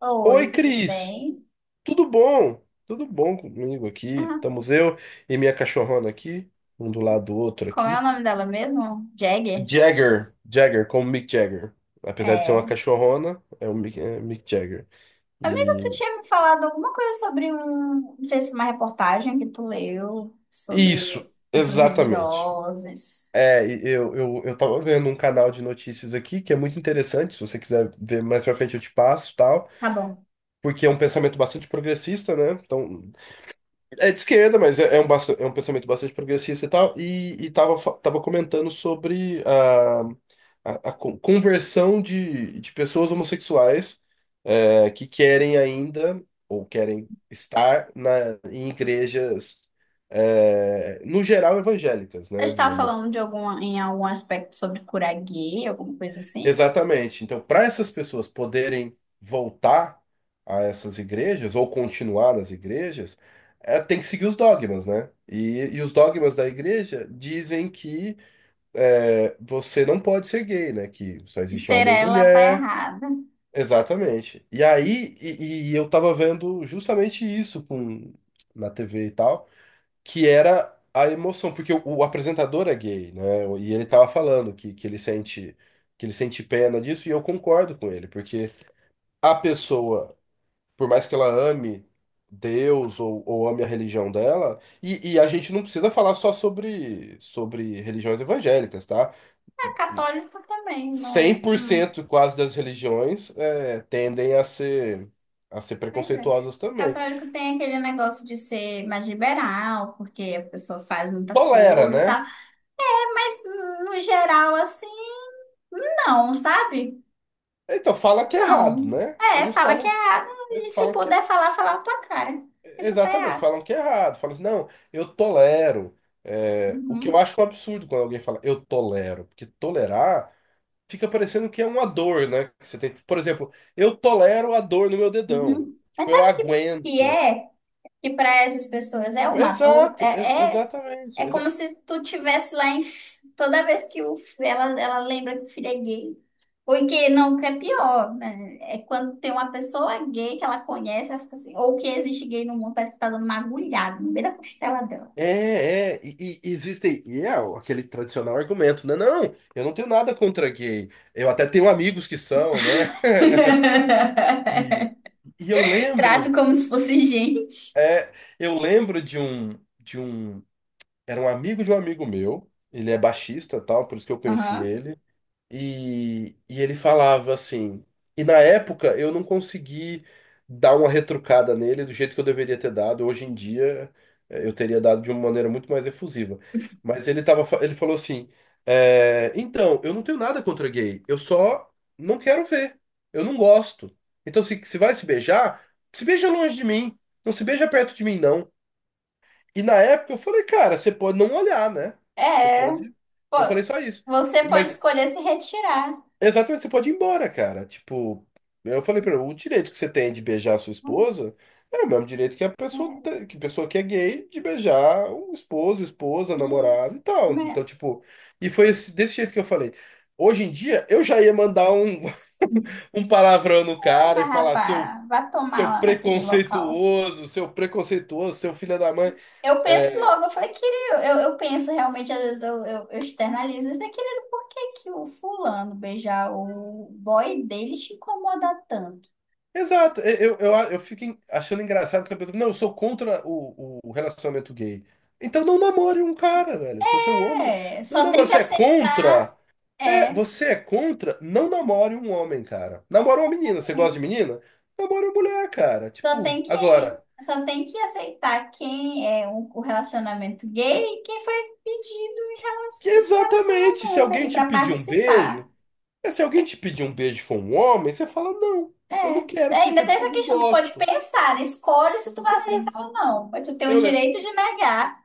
Oi, Oi, tudo Cris. bem? Tudo bom? Tudo bom comigo aqui? Ah, Estamos eu e minha cachorrona aqui, um do lado do outro como é aqui. o nome dela mesmo? Jagger? Jagger, Jagger, como Mick Jagger. Apesar de ser uma É. cachorrona, é o Mick, é Mick Jagger. Amiga, tu E tinha me falado alguma coisa sobre não sei se uma reportagem que tu leu isso, sobre pessoas exatamente. religiosas. E eu tava vendo um canal de notícias aqui que é muito interessante. Se você quiser ver mais pra frente, eu te passo, tal. Tá bom. Porque é um pensamento bastante progressista, né? Então, é de esquerda, mas é um pensamento bastante progressista e tal, e tava, tava comentando sobre a conversão de pessoas homossexuais, que querem ainda, ou querem estar em igrejas, no geral, evangélicas, Eu né? estava falando de alguma, em algum aspecto sobre curar gay, alguma coisa assim. Exatamente. Então, para essas pessoas poderem voltar a essas igrejas ou continuar nas igrejas, tem que seguir os dogmas, né? E os dogmas da igreja dizem que, você não pode ser gay, né? Que só E existe ser homem e ela tá mulher. errada. Exatamente. E eu tava vendo justamente isso com, na TV e tal, que era a emoção, porque o apresentador é gay, né? E ele tava falando que ele sente pena disso, e eu concordo com ele, porque a pessoa, por mais que ela ame Deus ou ame a religião dela, e a gente não precisa falar só sobre religiões evangélicas, tá? É católico também, Cem não. por cento quase das religiões tendem a ser Pois é. preconceituosas também. Católico tem aquele negócio de ser mais liberal, porque a pessoa faz muita Tolera, coisa, tá? né? Mas no geral, assim, não, sabe? Então fala que é errado, Não. né? É, Eles fala que é falam, A. eles E se falam que é puder falar, fala a tua cara. Que tu tá é exatamente, A. falam que é errado, falam assim, não, eu tolero. É, o que eu Uhum, acho um absurdo quando alguém fala eu tolero, porque tolerar fica parecendo que é uma dor, né? Que você tem, por exemplo, eu tolero a dor no meu dedão. uhum. Mas Tipo, eu sabe o que, que aguento. é? Que pra essas pessoas é uma dor. Exato, ex- é, exatamente. é exa- como se tu tivesse lá em. Toda vez que o, ela lembra que o filho é gay. Ou que não, que é pior, né? É quando tem uma pessoa gay que ela conhece, ela fica assim, ou que existe gay no mundo, parece que tá dando uma agulhada no meio da costela dela. é, é, e, e Existe, e é aquele tradicional argumento, né? Não, eu não tenho nada contra gay. Eu até tenho amigos que são, né? E, e eu Trato lembro, como se fosse gente. é, eu lembro de um. De um. Era um amigo de um amigo meu. Ele é baixista, tal, por isso que eu conheci Aham. ele. E ele falava assim. E na época eu não consegui dar uma retrucada nele do jeito que eu deveria ter dado. Hoje em dia, eu teria dado de uma maneira muito mais efusiva. Mas ele tava, ele falou assim: então, eu não tenho nada contra gay, eu só não quero ver. Eu não gosto. Então, se vai se beijar, se beija longe de mim. Não se beija perto de mim, não. E na época eu falei, cara, você pode não olhar, né? Você É, pode. pô, Eu falei só isso. você pode Mas escolher se retirar. exatamente, você pode ir embora, cara. Tipo, eu falei pra ele, o direito que você tem de beijar a sua esposa é o mesmo direito que que a pessoa que é gay de beijar o esposo, esposa, Ih, namorado e tal. né? Então, tipo, desse jeito que eu falei. Hoje em dia, eu já ia mandar um, um palavrão no cara Ah, e falar, seu, rapaz, vá tomar seu lá naquele local. preconceituoso, seu preconceituoso, seu filho da mãe. Eu penso é, logo, eu falei, querido, eu penso realmente, às vezes eu externalizo, eu falei, querido, por que que o fulano beijar o boy dele te incomoda tanto? Exato, eu fico achando engraçado que a pessoa, não, eu sou contra o relacionamento gay. Então não namore um cara, velho. Se você é um homem, É, não só tem namore. que Você é aceitar. contra? É, É, você é contra? Não namore um homem, cara. Namora uma menina. Você gosta de é. menina? Namora uma mulher, cara. Só Tipo, tem que, agora, só tem que aceitar quem é o relacionamento gay e quem foi pedido em que relação, nesse exatamente, se relacionamento alguém ali te para pedir um participar. beijo, se alguém te pedir um beijo e for um homem, você fala, não, É. eu não quero É, porque ainda tem eu essa não questão, tu pode gosto. pensar, escolhe se tu vai aceitar ou não, mas tu tem o Eu, direito de negar.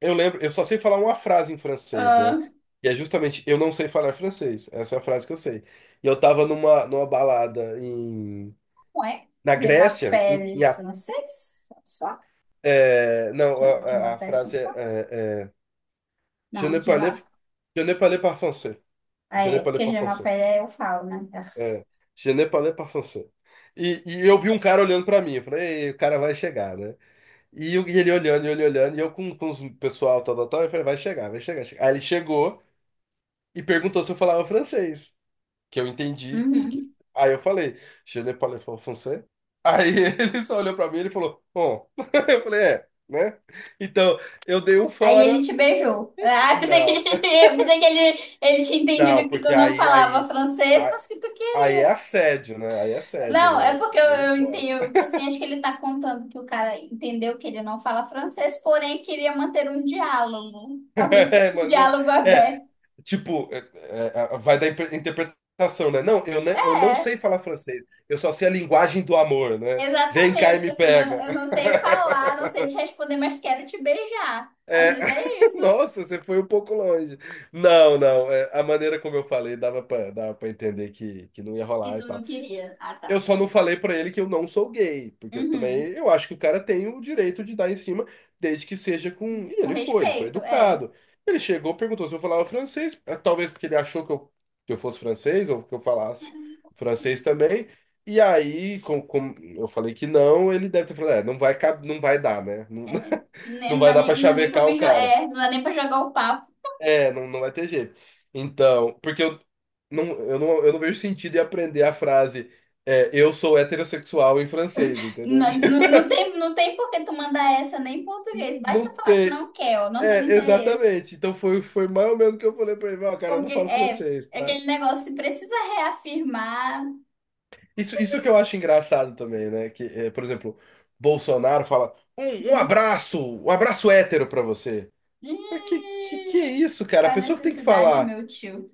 Eu lembro, eu só sei falar uma frase em francês, né? Ah, E é justamente, eu não sei falar francês. Essa é a frase que eu sei. E eu tava numa balada em, não é? na Grécia, em, Gemapele em A- francês? François? é, não, a Gemapele frase é, François? é, é, Je Não, ne parle, Gemapele. je ne parle pas français. Je ne É, parle porque pas français. Gemapele eu falo, né? É, je ne parle pas français. E eu vi um cara olhando pra mim. Eu falei, ei, o cara vai chegar, né? E ele olhando, e ele olhando, e eu com o pessoal, tal, tal, tal. Eu falei, vai chegar, vai chegar, chega. Aí ele chegou e perguntou se eu falava francês, que eu entendi. Uhum. Aí eu falei, je ne parle pas français. Aí ele só olhou pra mim e ele falou, bom. Eu falei, é, né? Então, eu dei um Aí fora. ele te beijou. Gente, Ah, eu pensei que, não, eu pensei que ele tinha não, entendido que tu porque não aí, falava francês, a- mas que tu aí, é queria. assédio, né? Aí é assédio, Não, né? é porque Aí não eu pode. entendo que assim, acho que ele tá contando que o cara entendeu que ele não fala francês, porém queria manter um diálogo. Talvez É, um mano, diálogo é, aberto. tipo, vai da interpretação, né? Não, eu, eu não É, sei falar francês, eu só sei a linguagem do amor, né? Vem cá exatamente. e Tipo me assim, pega. eu não sei falar, não sei te responder, mas quero te beijar. Às É, vezes é isso nossa, você foi um pouco longe. Não, não, é, a maneira como eu falei dava pra entender que não ia que rolar e tu não tal. queria. Ah, Eu tá. só não falei pra ele que eu não sou gay, porque eu também Uhum. eu acho que o cara tem o direito de dar em cima, desde que seja com. E Com ele foi respeito, é. educado. Ele chegou, perguntou se eu falava francês, talvez porque ele achou que eu fosse francês ou que eu falasse francês também. E aí, como eu falei que não, ele deve ter falado, é, não vai, não vai dar, né? É, né, não vai dar pra não dá nem pra chavecar o cara. é, não dá nem pra jogar o papo. É, não, não vai ter jeito. Então, porque eu não, eu não vejo sentido em aprender a frase, eu sou heterossexual em francês, entendeu? Não, não, não tem, não tem por que tu mandar essa nem em português. Não Basta falar que tem. não quer, ó, não tem É, interesse. exatamente. Então foi, foi mais ou menos o que eu falei pra ele, ó, cara, eu não Porque falo é, francês, é tá? aquele negócio, se precisa reafirmar. Isso que eu acho engraçado também, né? Que, é, por exemplo, Bolsonaro fala um, um abraço hétero pra você. Mas que é Ih, isso, cara? A faz pessoa que tem que necessidade, falar. meu tio.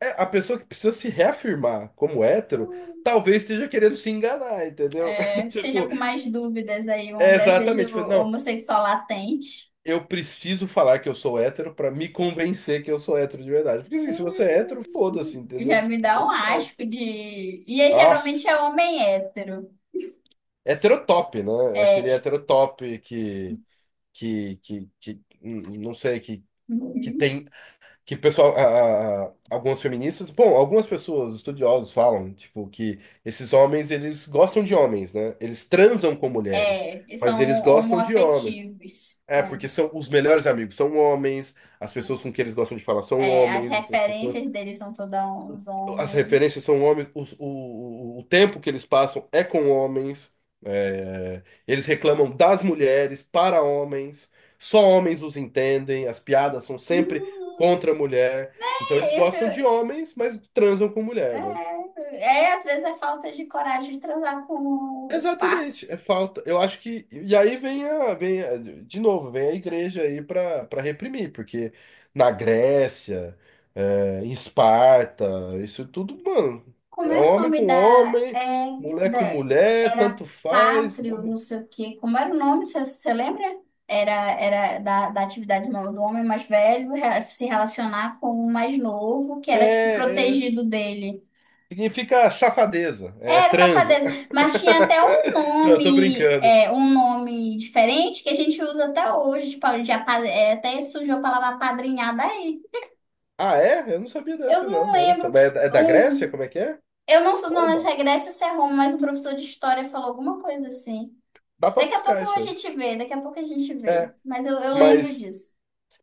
É, a pessoa que precisa se reafirmar como hétero, talvez esteja querendo se enganar, entendeu? É, esteja Tipo, com mais dúvidas aí, um é exatamente. desejo Foi, não, homossexual latente. eu preciso falar que eu sou hétero pra me convencer que eu sou hétero de verdade. Porque assim, se você é hétero, foda-se, entendeu? Já me Tipo, dá um tanto faz. asco de. E é, geralmente Nossa, é homem hétero. heterotop, né? É aquele É. heterotop que não sei, que tem que o pessoal, algumas feministas, bom, algumas pessoas, estudiosos falam, tipo, que esses homens, eles gostam de homens, né? Eles transam com mulheres, É, eles são mas eles gostam de homens. homoafetivos. É, É, porque são os melhores amigos são homens, as pessoas com quem eles gostam de falar são é, as homens, as pessoas referências deles são todos os o- as referências homens. são homens, o tempo que eles passam é com homens, eles reclamam das mulheres para homens, só homens os entendem, as piadas são sempre Hum, contra a mulher, então eles é, eu, fui- gostam de é, homens, mas transam com mulher, né? é, às vezes é falta de coragem de transar com os Exatamente, pais. é falta. Eu acho que. E aí vem a, de novo, vem a igreja aí para para reprimir, porque na Grécia, em Esparta, isso tudo, mano, Como é era o homem nome com da, homem, é, mulher com da mulher, era tanto faz, pátrio, não vamos. sei o quê. Como era o nome, você lembra? Era, era da, da atividade do homem mais velho se relacionar com o mais novo, que era tipo É, é- protegido dele. significa safadeza, é Era transa. safadeza, mas tinha até um Não, eu tô nome, brincando. é, um nome diferente que a gente usa até hoje, tipo, já, é, até surgiu a palavra apadrinhada aí. Ah, é? Eu não sabia Eu dessa, não não. Olha só. lembro, Mas é da, é da Grécia? um, Como é que é? eu não, sou- não lembro se Oba, é Grécia ou se é Roma, mas um professor de história falou alguma coisa assim. dá pra Daqui a buscar pouco isso a aí. gente vê, daqui a pouco a gente vê, É. mas eu lembro Mas. disso.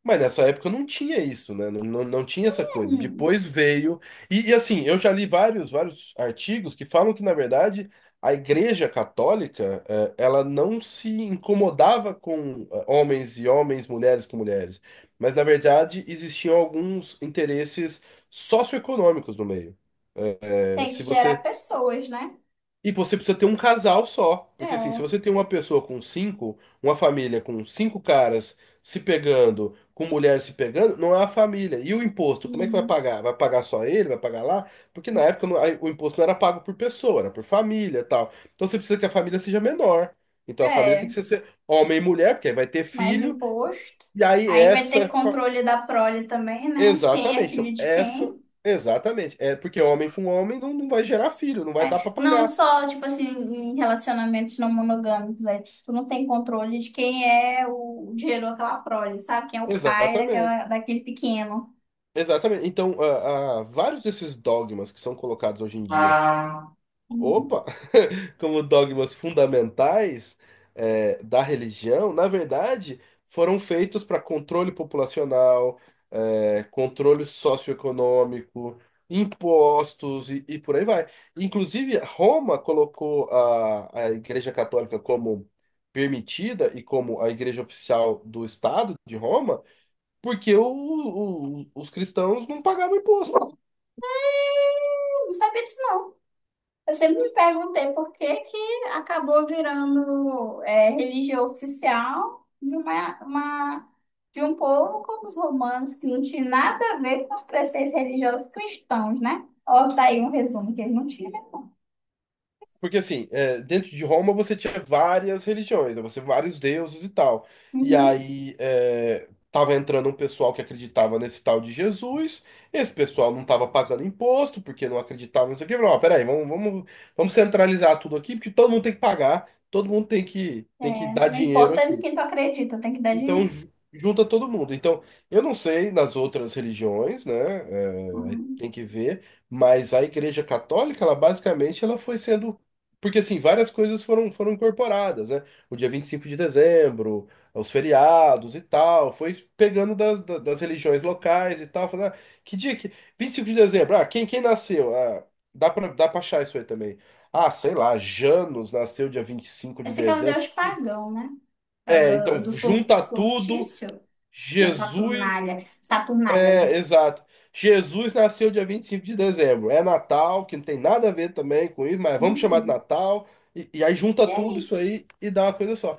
Mas nessa época não tinha isso, né? Não, não, não tinha essa É, coisa. hum, Depois veio. Assim, eu já li vários artigos que falam que, na verdade, a Igreja Católica, ela não se incomodava com homens e homens, mulheres com mulheres. Mas, na verdade, existiam alguns interesses socioeconômicos no meio. Tem que Se gerar você pessoas, né? e você precisa ter um casal só. Porque assim, se É. você tem uma pessoa com cinco, uma família com cinco caras se pegando, com mulheres se pegando, não é uma família. E o imposto, como é que vai Uhum. pagar? Vai pagar só ele? Vai pagar lá? Porque na época aí o imposto não era pago por pessoa, era por família e tal. Então você precisa que a família seja menor. Então a família tem É, que ser ser homem e mulher, porque aí vai ter mais filho. imposto. E aí Aí vai ter essa. fa- controle da prole também, né? Quem é Exatamente. filho Então de essa. quem. Exatamente. É porque homem com homem não, não vai gerar filho, não vai É, dar pra não pagar. só, tipo assim, em relacionamentos não monogâmicos, aí tu não tem controle de quem é o gerou aquela prole, sabe? Quem é o pai Exatamente. daquela, daquele pequeno. Exatamente. Então, vários desses dogmas que são colocados hoje em dia, Ah. Uhum. opa, como dogmas fundamentais, da religião, na verdade, foram feitos para controle populacional, controle socioeconômico, impostos e por aí vai. Inclusive, Roma colocou a Igreja Católica como permitida e como a igreja oficial do Estado de Roma porque os cristãos não pagavam imposto. Eu não sabia disso, não. Eu sempre me perguntei por que que acabou virando é, religião oficial de, uma- de um povo como os romanos, que não tinha nada a ver com os preceitos religiosos cristãos, né? Ó, tá aí um resumo que eles não tinham. Porque, assim, dentro de Roma você tinha várias religiões, né? Você vários deuses e tal. E Uhum. aí tava entrando um pessoal que acreditava nesse tal de Jesus, esse pessoal não tava pagando imposto, porque não acreditava, não sei o quê. Falou, ó, peraí, vamos, vamos centralizar tudo aqui, porque todo mundo tem que pagar, todo mundo É, tem que dar não dinheiro importa em aqui. quem tu acredita, tem que dar Então, dinheiro. Junta todo mundo. Então, eu não sei nas outras religiões, né? Aí Uhum. tem que ver, mas a Igreja Católica, ela basicamente ela foi sendo. Porque, assim, várias coisas foram, foram incorporadas, né? O dia 25 de dezembro, os feriados e tal, foi pegando das, das religiões locais e tal, falando, ah, que dia que. 25 de dezembro, ah, quem, quem nasceu? Ah, dá pra achar isso aí também. Ah, sei lá, Janos nasceu dia 25 de Esse aqui é o dezembro. deus pagão, né? É o É, do, então do junta tudo sortício da Jesus, Saturnália. Saturnália, não é, é? exato. Jesus nasceu dia 25 de dezembro. É Natal, que não tem nada a ver também com isso, mas vamos chamar de Uhum. Natal. E aí junta E é tudo isso isso. aí e dá uma coisa só.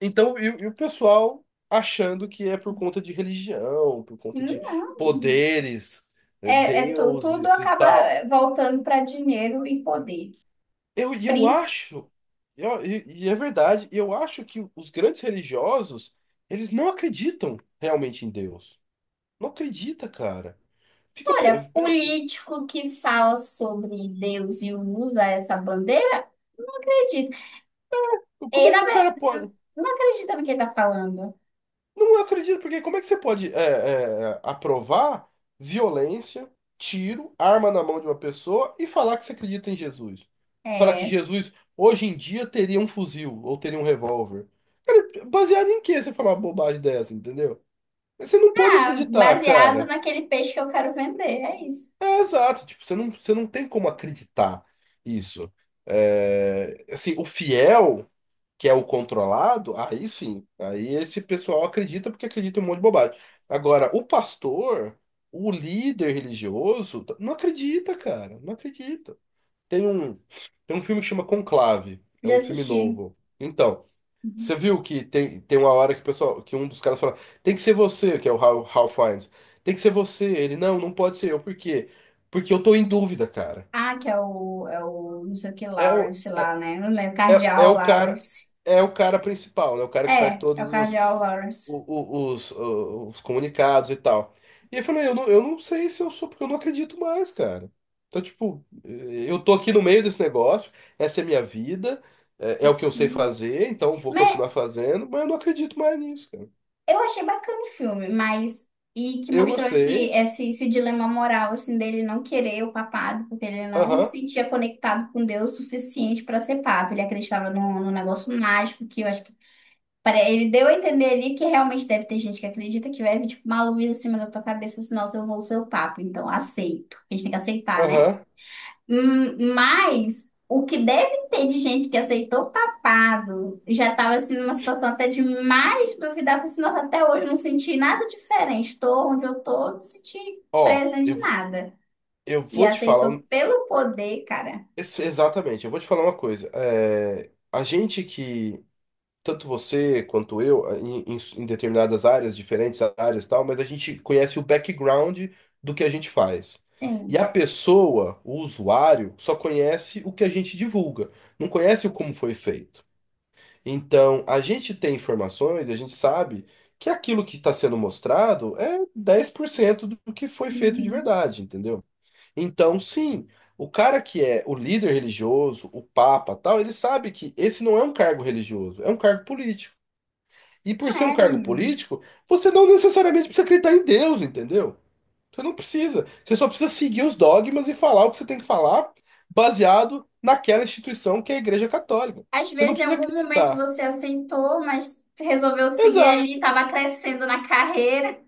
Então, e o pessoal achando que é por conta de religião, por conta de não. poderes, É, tudo deuses e acaba tal. eh, voltando para dinheiro e poder. E eu Príncipe, acho, e é verdade, eu acho que os grandes religiosos, eles não acreditam realmente em Deus. Não acredita, cara. Fica, olha, político que fala sobre Deus e usa essa bandeira, não acredito. Como Ele, é que o cara pode. não acredita no que ele está falando. Não acredito, porque como é que você pode aprovar violência, tiro, arma na mão de uma pessoa e falar que você acredita em Jesus? Falar que É, Jesus hoje em dia teria um fuzil ou teria um revólver. Baseado em que você falar uma bobagem dessa, entendeu? Você não pode ah, acreditar, baseado cara. naquele peixe que eu quero vender, é isso. É exato, tipo, você não tem como acreditar isso. É, assim, o fiel. Que é o controlado, aí sim. Aí esse pessoal acredita porque acredita em um monte de bobagem. Agora, o pastor, o líder religioso, não acredita, cara. Não acredita. Tem um, tem um filme que chama Conclave. É Já um filme assisti. novo. Então, você Uhum. viu que tem, tem uma hora que o pessoal, que um dos caras fala, tem que ser você, que é o Hal Fiennes. Tem que ser você. Ele, não, não pode ser eu. Por quê? Porque eu tô em dúvida, cara. Ah, que é o, é o não sei o que É o, Lawrence lá, né? Não lembro, é Cardeal o cara, Lawrence. é o cara principal, né? O cara que faz É, é o todos os Cardeal o- Lawrence. Os comunicados e tal. E eu falei, eu não sei se eu sou, porque eu não acredito mais, cara. Então, tipo, eu tô aqui no meio desse negócio, essa é a minha vida, é, é o que eu sei Uhum. fazer, então vou continuar fazendo, mas eu não acredito mais nisso, cara. Eu achei bacana o filme, mas. E que Eu mostrou gostei, esse dilema moral, assim, dele não querer o papado, porque ele não aham, se sentia conectado com Deus o suficiente para ser papa. Ele acreditava num negócio mágico, que eu acho que. Ele deu a entender ali que realmente deve ter gente que acredita que vai vir, tipo, uma luz acima da tua cabeça e fala assim, nossa, eu vou ser o papa, então aceito. A gente tem que aceitar, né? aham. Mas o que deve ter de gente que aceitou papado já estava assim numa situação até de mais duvidar, porque senão até hoje eu não senti nada diferente. Estou onde eu estou, não senti Ó, presa de nada. eu E vou te falar, aceitou pelo poder, cara. Exatamente, eu vou te falar uma coisa. É, a gente que tanto você quanto eu, em, em determinadas áreas, diferentes áreas e tal, mas a gente conhece o background do que a gente faz. E Sim. a pessoa, o usuário, só conhece o que a gente divulga, não conhece o como foi feito. Então, a gente tem informações, a gente sabe que aquilo que está sendo mostrado é 10% do que foi feito de Uhum. verdade, entendeu? Então, sim, o cara que é o líder religioso, o papa, tal, ele sabe que esse não é um cargo religioso, é um cargo político. E por Não ser um é, cargo menino. político, você não necessariamente precisa acreditar em Deus, entendeu? Você não precisa. Você só precisa seguir os dogmas e falar o que você tem que falar, baseado naquela instituição que é a Igreja Católica. Às Você não vezes, em precisa algum momento acreditar. você aceitou, mas resolveu seguir ali, estava crescendo na carreira,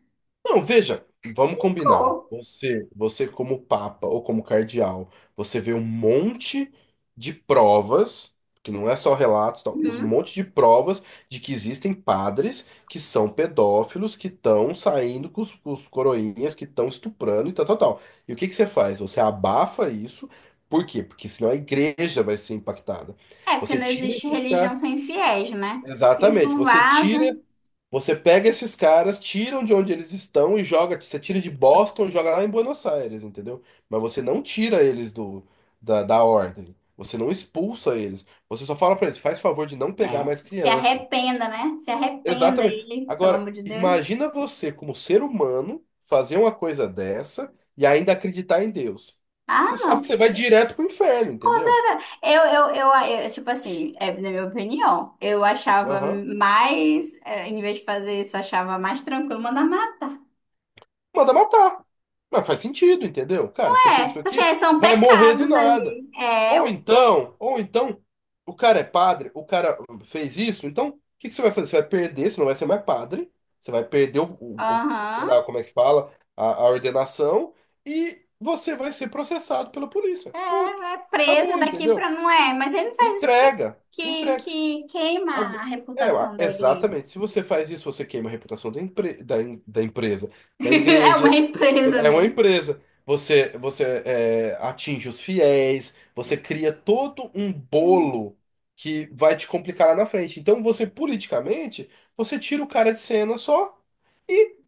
Não, veja, vamos combinar. ficou. Você como papa ou como cardeal, você vê um monte de provas, que não é só relatos, tal, um Uhum. monte de provas de que existem padres que são pedófilos, que estão saindo com com os coroinhas, que estão estuprando e tal, tal, tal. E o que que você faz? Você abafa isso, por quê? Porque senão a igreja vai ser impactada. É, porque Você não tira existe esse religião cara. sem fiéis, né? Se Exatamente, isso você vaza. tira. Você pega esses caras, tiram de onde eles estão e joga. Você tira de Boston, e joga lá em Buenos Aires, entendeu? Mas você não tira eles do da ordem. Você não expulsa eles. Você só fala pra eles, faz favor de não pegar É, mais se criança. arrependa, né? Se arrependa Exatamente. ele, pelo amor Agora, de Deus. imagina você, como ser humano, fazer uma coisa dessa e ainda acreditar em Deus. Ah, Você sabe não. que você vai direto pro inferno, Com entendeu? certeza. Tipo assim, é na minha opinião, eu achava Aham. mais, é, em vez de fazer isso, eu achava mais tranquilo mandar matar. Manda matar. Mas faz sentido, entendeu? Cara, você fez É, isso assim, aqui, é, são vai morrer do pecados nada. ali. É, eu- Ou então, o cara é padre, o cara fez isso, então o que que você vai fazer? Você vai perder, você não vai ser mais padre, você vai perder sei aham. lá como é que fala, a ordenação, e você vai ser processado pela polícia. É, Ponto. é Tá presa bom, daqui entendeu? pra não é. Mas ele faz isso Entrega, entrega. que queima a Ago- É, reputação da igreja. exatamente. Se você faz isso, você queima a reputação da empresa, da É uma igreja. empresa É uma mesmo. empresa. Você atinge os fiéis, você cria todo um bolo que vai te complicar lá na frente. Então, você, politicamente, você tira o cara de cena só,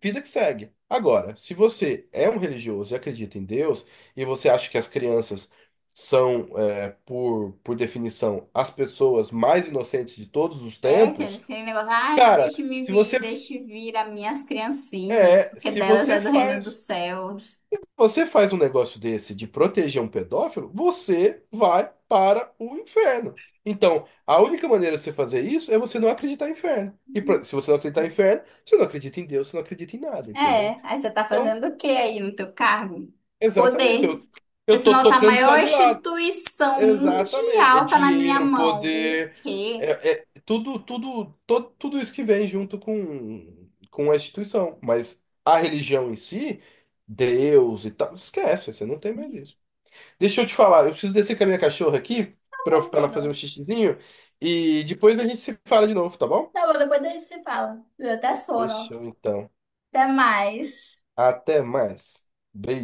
vida que segue. Agora, se você é um religioso e acredita em Deus, e você acha que as crianças são, por definição, as pessoas mais inocentes de todos os É, que tempos, aquele negócio, ai, cara, deixe-me se vir, você, deixe vir as minhas criancinhas, porque se delas é você do reino dos faz. céus. Você faz um negócio desse de proteger um pedófilo, você vai para o inferno. Então, a única maneira de você fazer isso é você não acreditar em inferno. E se você não acreditar em inferno, você não acredita em Deus, você não acredita em nada, entendeu? É, aí você tá Então, fazendo o que aí no teu cargo? exatamente. Poder. Eu Porque se tô nossa tocando só maior de lado. instituição Exatamente. É mundial tá na minha dinheiro, mão. O poder, quê? é, é tudo, tudo, tudo isso que vem junto com a instituição. Mas a religião em si, Deus e tal, esquece, você não tem mais isso. Deixa eu te falar, eu preciso descer com a minha cachorra aqui Tá bom, pra ela fazer um amigo. xixizinho e depois a gente se fala de novo, tá bom? Tá bom, depois a gente se fala. Eu até sono, ó. Fechou então. Até mais. Até mais. Beijo.